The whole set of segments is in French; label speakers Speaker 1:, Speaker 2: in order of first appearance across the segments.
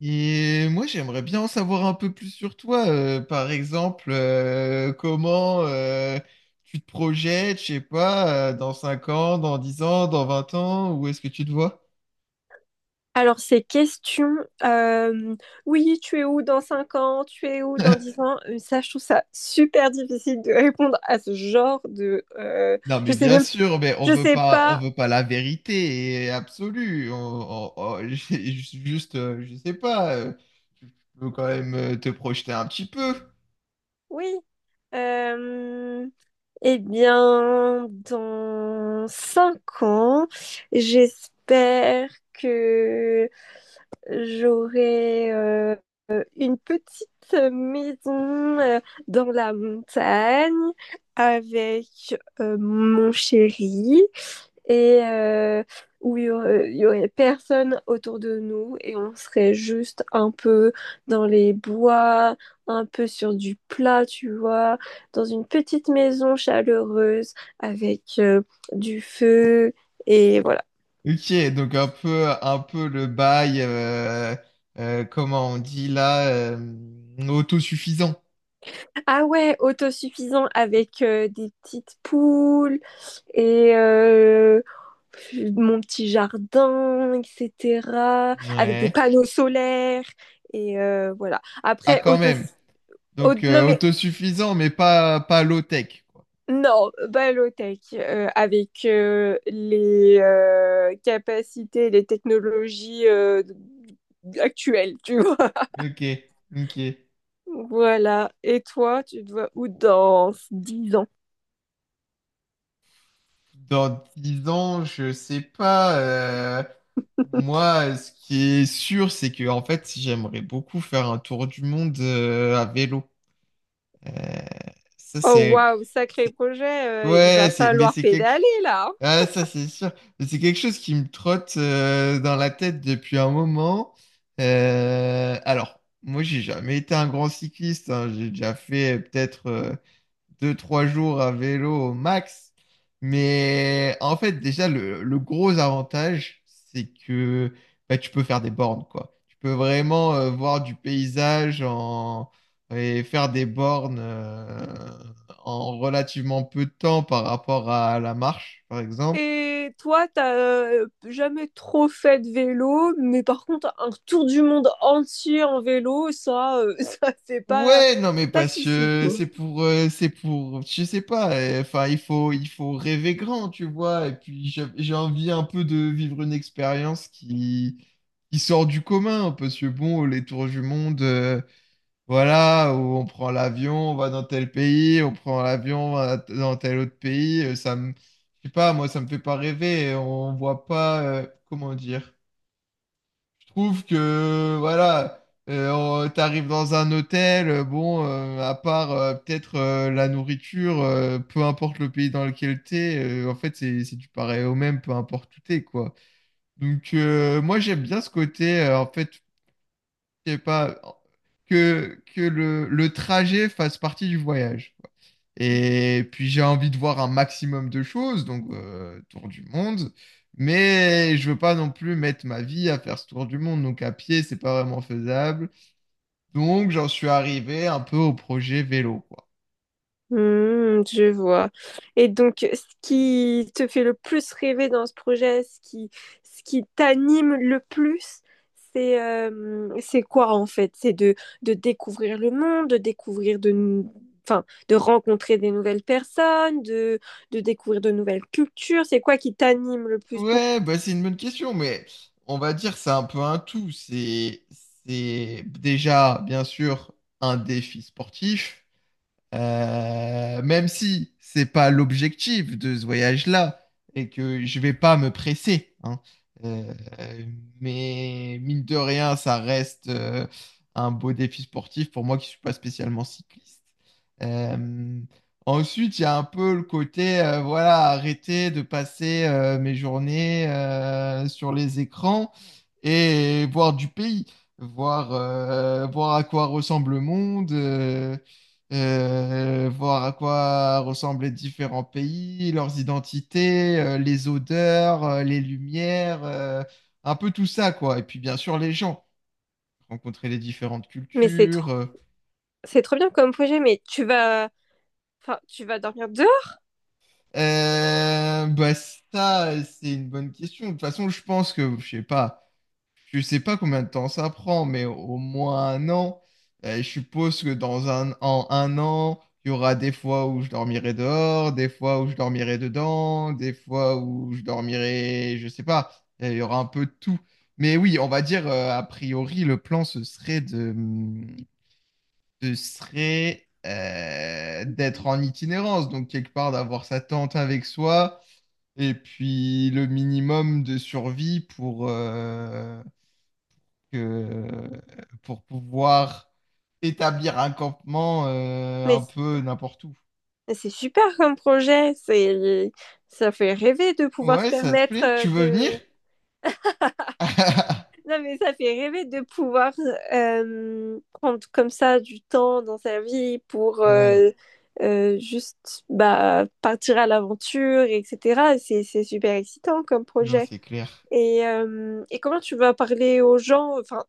Speaker 1: Et moi, j'aimerais bien en savoir un peu plus sur toi. Par exemple, comment tu te projettes, je sais pas, dans 5 ans, dans 10 ans, dans 20 ans, où est-ce que tu te vois?
Speaker 2: Alors, ces questions, euh, oui, tu es où dans 5 ans, tu es où dans 10 ans, ça, je trouve ça super difficile de répondre à ce genre de.
Speaker 1: Non,
Speaker 2: Je
Speaker 1: mais
Speaker 2: sais
Speaker 1: bien
Speaker 2: même,
Speaker 1: sûr, mais on
Speaker 2: je
Speaker 1: veut
Speaker 2: sais
Speaker 1: pas, on
Speaker 2: pas,
Speaker 1: veut pas la vérité absolue. Juste, je sais pas, faut quand même te projeter un petit peu.
Speaker 2: oui. Euh, eh bien, dans 5 ans, j'espère que j'aurai une petite maison dans la montagne avec mon chéri et où il y aurait personne autour de nous et on serait juste un peu dans les bois, un peu sur du plat, tu vois, dans une petite maison chaleureuse avec du feu et voilà.
Speaker 1: Ok, donc un peu le bail, comment on dit là, autosuffisant.
Speaker 2: Ah ouais, autosuffisant avec des petites poules, et mon petit jardin, etc. Avec des
Speaker 1: Ouais.
Speaker 2: panneaux solaires. Et voilà.
Speaker 1: Ah,
Speaker 2: Après,
Speaker 1: quand même. Donc,
Speaker 2: non, mais
Speaker 1: autosuffisant, mais pas low-tech, quoi.
Speaker 2: non, Balotech, avec les capacités, les technologies actuelles, tu vois.
Speaker 1: Ok, ok.
Speaker 2: Voilà. Et toi, tu te vois où dans 10 ans?
Speaker 1: Dans 10 ans, je sais pas. euh, moi, ce qui est sûr, c'est que, en fait, j'aimerais beaucoup faire un tour du monde à vélo. Euh, ça,
Speaker 2: Oh,
Speaker 1: c'est.
Speaker 2: waouh, sacré
Speaker 1: c'est-
Speaker 2: projet. Il
Speaker 1: Ouais,
Speaker 2: va
Speaker 1: c'est, mais
Speaker 2: falloir
Speaker 1: c'est quelque chose.
Speaker 2: pédaler, là, hein.
Speaker 1: Ah, ça c'est sûr. Mais c'est quelque chose qui me trotte dans la tête depuis un moment. Alors, moi j'ai jamais été un grand cycliste, hein. J'ai déjà fait peut-être deux, trois jours à vélo au max. Mais en fait, déjà, le gros avantage, c'est que bah, tu peux faire des bornes, quoi. Tu peux vraiment voir du paysage et faire des bornes en relativement peu de temps par rapport à la marche, par exemple.
Speaker 2: Et toi, t'as jamais trop fait de vélo, mais par contre, un tour du monde entier en vélo, ça, ça fait pas,
Speaker 1: Ouais, non mais
Speaker 2: pas de
Speaker 1: parce
Speaker 2: souci,
Speaker 1: que
Speaker 2: quoi.
Speaker 1: c'est pour, je sais pas, enfin il faut rêver grand, tu vois, et puis j'ai envie un peu de vivre une expérience qui sort du commun, parce que bon, les tours du monde, voilà, où on prend l'avion, on va dans tel pays, on prend l'avion, on va dans tel autre pays, je sais pas, moi ça me fait pas rêver, on voit pas, comment dire. Je trouve que voilà, t'arrives dans un hôtel, bon, à part peut-être la nourriture, peu importe le pays dans lequel t'es, en fait c'est du pareil au même, peu importe où t'es quoi. Donc moi j'aime bien ce côté en fait je sais pas, que le trajet fasse partie du voyage, quoi. Et puis j'ai envie de voir un maximum de choses, donc tour du monde, mais je veux pas non plus mettre ma vie à faire ce tour du monde, donc à pied, c'est pas vraiment faisable. Donc j'en suis arrivé un peu au projet vélo, quoi.
Speaker 2: Hmm, je vois. Et donc, ce qui te fait le plus rêver dans ce projet, ce qui t'anime le plus, c'est quoi en fait? C'est de découvrir le monde, de découvrir de, nou- enfin, de rencontrer des nouvelles personnes, de découvrir de nouvelles cultures. C'est quoi qui t'anime le plus pour.
Speaker 1: Ouais, bah c'est une bonne question, mais on va dire c'est un peu un tout. C'est déjà bien sûr un défi sportif. Même si c'est pas l'objectif de ce voyage-là et que je vais pas me presser, hein. Euh, mais mine de rien, ça reste un beau défi sportif pour moi qui suis pas spécialement cycliste. Euh, ensuite, il y a un peu le côté, voilà, arrêter de passer mes journées sur les écrans et voir du pays, voir à quoi ressemble le monde. Voir à quoi ressemblent les différents pays, leurs identités, les odeurs, les lumières, un peu tout ça, quoi. Et puis bien sûr les gens, rencontrer les différentes
Speaker 2: Mais
Speaker 1: cultures. euh.
Speaker 2: c'est trop bien comme projet, mais tu vas, enfin, tu vas dormir dehors.
Speaker 1: Euh, bah ça, c'est une bonne question. De toute façon, je pense que, je sais pas. Je sais pas combien de temps ça prend, mais au moins un an. Je suppose que en un an, il y aura des fois où je dormirai dehors, des fois où je dormirai dedans, des fois où je dormirai, je sais pas. Il y aura un peu de tout. Mais oui, on va dire, a priori, le plan, ce serait d'être en itinérance, donc quelque part d'avoir sa tente avec soi, et puis le minimum de survie que euh, pour pouvoir établir un campement un
Speaker 2: Mais
Speaker 1: peu n'importe où.
Speaker 2: bah, c'est super comme projet, c'est, ça fait rêver de pouvoir se
Speaker 1: Ouais, ça te
Speaker 2: permettre
Speaker 1: plaît? Tu veux venir?
Speaker 2: de, non mais ça fait rêver de pouvoir prendre comme ça du temps dans sa vie pour
Speaker 1: Ouais,
Speaker 2: juste bah, partir à l'aventure, etc. C'est super excitant comme
Speaker 1: non,
Speaker 2: projet.
Speaker 1: c'est clair.
Speaker 2: Et comment tu vas parler aux gens, enfin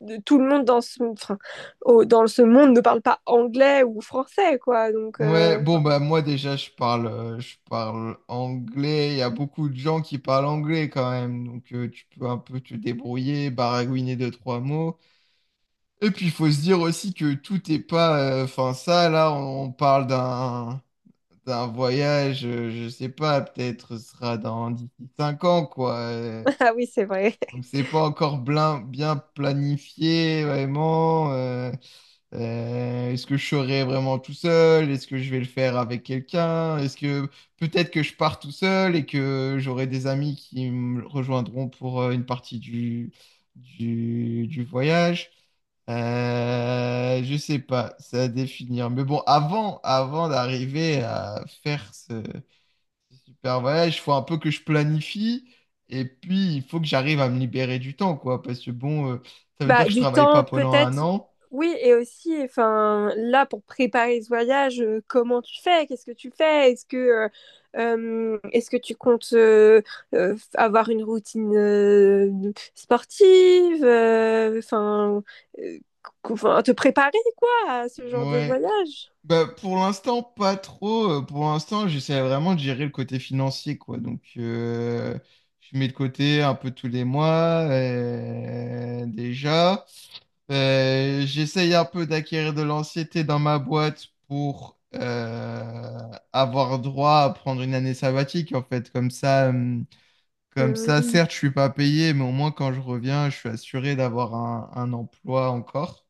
Speaker 2: de tout le monde dans ce enfin, dans ce monde ne parle pas anglais ou français quoi donc
Speaker 1: Ouais, bon, bah moi déjà, je parle anglais. Il y a beaucoup de gens qui parlent anglais quand même. Donc, tu peux un peu te débrouiller, baragouiner deux, trois mots. Et puis, il faut se dire aussi que tout est pas... Enfin, ça, là, on parle d'un... c'est un voyage, je sais pas, peut-être ce sera dans d'ici 5 ans, quoi.
Speaker 2: ah oui c'est vrai.
Speaker 1: Donc c'est pas encore bien planifié, vraiment. Est-ce que je serai vraiment tout seul? Est-ce que je vais le faire avec quelqu'un? Est-ce que peut-être que je pars tout seul et que j'aurai des amis qui me rejoindront pour une partie du voyage? Je sais pas, c'est à définir. Mais bon, avant d'arriver à faire voyage, il faut un peu que je planifie et puis il faut que j'arrive à me libérer du temps, quoi. Parce que bon, ça veut dire
Speaker 2: Bah,
Speaker 1: que je
Speaker 2: du
Speaker 1: travaille pas
Speaker 2: temps
Speaker 1: pendant un
Speaker 2: peut-être,
Speaker 1: an.
Speaker 2: oui, et aussi, enfin, là, pour préparer ce voyage, comment tu fais? Qu'est-ce que tu fais? Est-ce que tu comptes avoir une routine sportive? Enfin, euh, enfin, te préparer, quoi, à ce genre de
Speaker 1: Ouais.
Speaker 2: voyage?
Speaker 1: Bah, pour l'instant, pas trop. Pour l'instant, j'essaie vraiment de gérer le côté financier, quoi. Donc, je mets de côté un peu tous les mois, déjà. J'essaye un peu d'acquérir de l'anxiété dans ma boîte pour avoir droit à prendre une année sabbatique, en fait. Comme ça. Comme ça,
Speaker 2: Hmm.
Speaker 1: certes, je suis pas payé, mais au moins quand je reviens, je suis assuré d'avoir un emploi encore.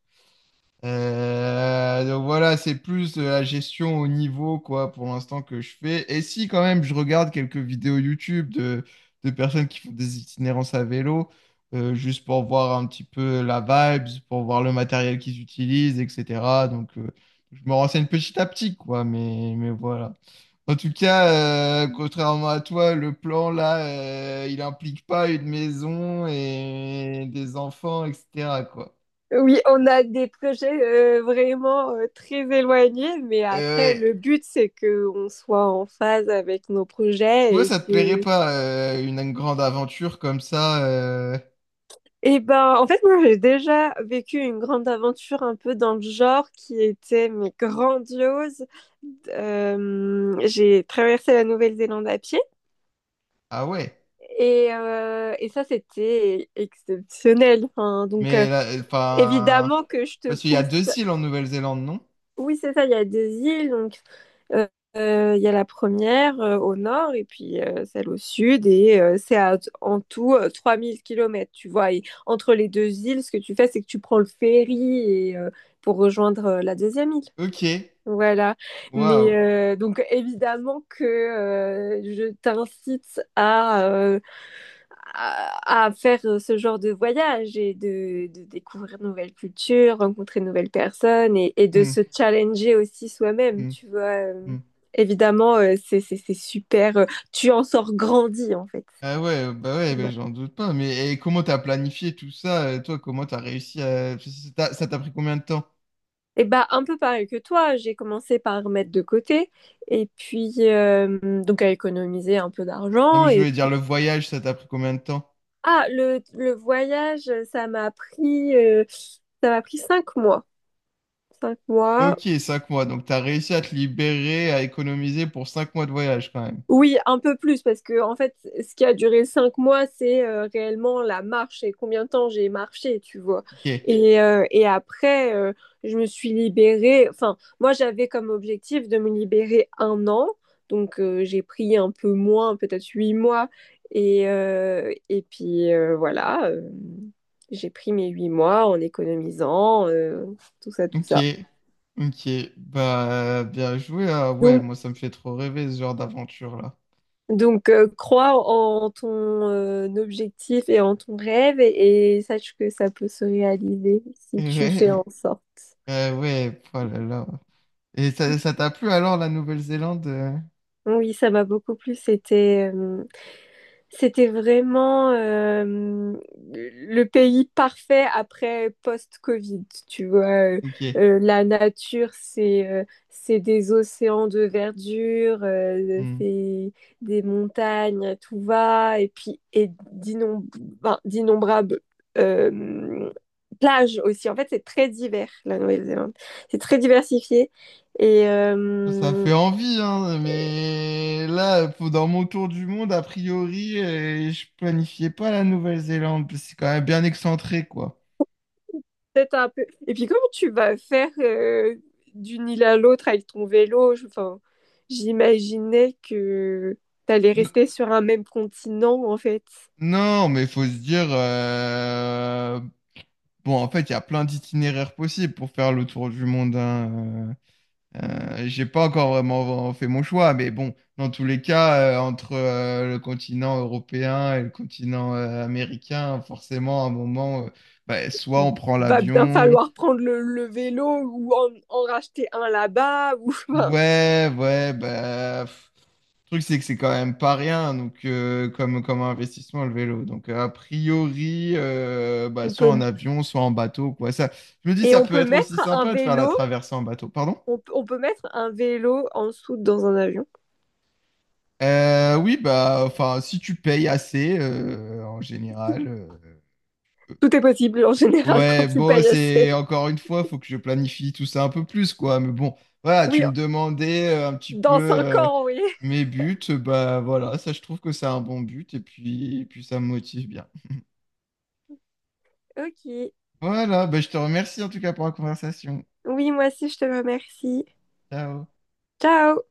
Speaker 1: Donc voilà, c'est plus de la gestion au niveau, quoi, pour l'instant que je fais. Et si quand même je regarde quelques vidéos YouTube de personnes qui font des itinérances à vélo, juste pour voir un petit peu la vibes, pour voir le matériel qu'ils utilisent, etc. Donc je me renseigne petit à petit, quoi, mais voilà. En tout cas, contrairement à toi, le plan là, il implique pas une maison et des enfants, etc., quoi.
Speaker 2: Oui, on a des projets vraiment très éloignés, mais
Speaker 1: Euh,
Speaker 2: après,
Speaker 1: ouais.
Speaker 2: le but, c'est qu'on soit en phase avec nos
Speaker 1: Toi,
Speaker 2: projets et
Speaker 1: ça te plairait
Speaker 2: que.
Speaker 1: pas une grande aventure comme ça.
Speaker 2: Eh ben, en fait, moi, j'ai déjà vécu une grande aventure un peu dans le genre qui était, mais grandiose. J'ai traversé la Nouvelle-Zélande à pied
Speaker 1: Ah ouais.
Speaker 2: et ça, c'était exceptionnel. Enfin, donc,
Speaker 1: Mais là, enfin,
Speaker 2: évidemment que je te
Speaker 1: parce qu'il y a
Speaker 2: pousse.
Speaker 1: deux îles en Nouvelle-Zélande, non?
Speaker 2: Oui, c'est ça, il y a des îles, donc Euh, il y a la première au nord et puis celle au sud et en tout 3 000 kilomètres, tu vois. Et entre les deux îles, ce que tu fais, c'est que tu prends le ferry et, pour rejoindre la deuxième île.
Speaker 1: Ok.
Speaker 2: Voilà. Mais
Speaker 1: Waouh.
Speaker 2: donc évidemment que je t'incite à faire ce genre de voyage et de découvrir de nouvelles cultures, rencontrer de nouvelles personnes et de
Speaker 1: Hmm,
Speaker 2: se challenger aussi soi-même,
Speaker 1: hmm,
Speaker 2: tu vois. Euh,
Speaker 1: hmm.
Speaker 2: Évidemment, c'est super. Tu en sors grandi en fait.
Speaker 1: Ah ouais, bah ouais, mais
Speaker 2: Ouais.
Speaker 1: j'en doute pas. Mais et comment t'as planifié tout ça? Toi, comment t'as réussi à... Ça t'a pris combien de temps?
Speaker 2: Et bah un peu pareil que toi, j'ai commencé par mettre de côté et puis donc à économiser un peu
Speaker 1: Non,
Speaker 2: d'argent
Speaker 1: mais je
Speaker 2: et
Speaker 1: voulais dire
Speaker 2: puis.
Speaker 1: le voyage, ça t'a pris combien de temps?
Speaker 2: Ah, le voyage, ça m'a pris 5 mois. 5 mois.
Speaker 1: Ok, 5 mois. Donc t'as réussi à te libérer, à économiser pour 5 mois de voyage quand même.
Speaker 2: Oui, un peu plus, parce que en fait, ce qui a duré 5 mois, c'est réellement la marche et combien de temps j'ai marché, tu vois.
Speaker 1: Ok.
Speaker 2: Et après, je me suis libérée. Enfin, moi, j'avais comme objectif de me libérer un an, donc j'ai pris un peu moins, peut-être 8 mois. Et puis voilà, j'ai pris mes 8 mois en économisant, tout ça, tout
Speaker 1: Ok,
Speaker 2: ça.
Speaker 1: ok, bah bien joué. Ah ouais,
Speaker 2: Donc,
Speaker 1: moi ça me fait trop rêver ce genre d'aventure là.
Speaker 2: Donc, crois en ton objectif et en ton rêve et sache que ça peut se réaliser si tu fais
Speaker 1: Ouais,
Speaker 2: en sorte.
Speaker 1: ouais, oh là là. Et ça t'a plu alors la Nouvelle-Zélande?
Speaker 2: Oui, ça m'a beaucoup plu. C'était vraiment le pays parfait après post-Covid. Tu vois, Euh,
Speaker 1: Ok,
Speaker 2: la nature, c'est des océans de verdure,
Speaker 1: hmm.
Speaker 2: c'est des montagnes, à tout va, et puis ben, d'innombrables euh, plages aussi. En fait, c'est très divers, la Nouvelle-Zélande. C'est très diversifié et
Speaker 1: Ça fait envie, hein, mais là, dans mon tour du monde, a priori, je planifiais pas la Nouvelle-Zélande, parce que c'est quand même bien excentré, quoi.
Speaker 2: peut-être un peu. Et puis, comment tu vas faire d'une île à l'autre avec ton vélo? Enfin, j'imaginais que t'allais
Speaker 1: N-
Speaker 2: rester sur un même continent, en fait.
Speaker 1: non, mais faut se dire, bon, en fait, il y a plein d'itinéraires possibles pour faire le tour du monde, hein, euh. J'ai pas encore vraiment fait mon choix, mais bon, dans tous les cas, entre le continent européen et le continent américain, forcément, à un moment, bah, soit on prend
Speaker 2: Va bien
Speaker 1: l'avion.
Speaker 2: falloir prendre le vélo ou en racheter un là-bas. Ou, enfin,
Speaker 1: Ouais, ouais, bah, pff, le truc, c'est que c'est quand même pas rien, donc comme investissement, le vélo. Donc, a priori, bah,
Speaker 2: on
Speaker 1: soit
Speaker 2: peut,
Speaker 1: en avion, soit en bateau, quoi. Ça, je me dis,
Speaker 2: et
Speaker 1: ça
Speaker 2: on
Speaker 1: peut
Speaker 2: peut
Speaker 1: être aussi
Speaker 2: mettre un
Speaker 1: sympa de faire la
Speaker 2: vélo,
Speaker 1: traversée en bateau. Pardon?
Speaker 2: on peut mettre un vélo en dessous dans un avion.
Speaker 1: Oui, bah, enfin, si tu payes assez, en général. euh,
Speaker 2: Tout est possible en général quand
Speaker 1: ouais,
Speaker 2: tu
Speaker 1: bon,
Speaker 2: payes
Speaker 1: c'est
Speaker 2: assez.
Speaker 1: encore une fois, faut que je planifie tout ça un peu plus, quoi. Mais bon, voilà, tu
Speaker 2: Oui,
Speaker 1: me demandais un petit peu
Speaker 2: dans cinq ans, oui.
Speaker 1: mes buts, bah voilà, ça, je trouve que c'est un bon but et puis, ça me motive bien.
Speaker 2: Ok.
Speaker 1: Voilà, bah, je te remercie en tout cas pour la conversation.
Speaker 2: Oui, moi aussi, je te remercie.
Speaker 1: Ciao.
Speaker 2: Ciao!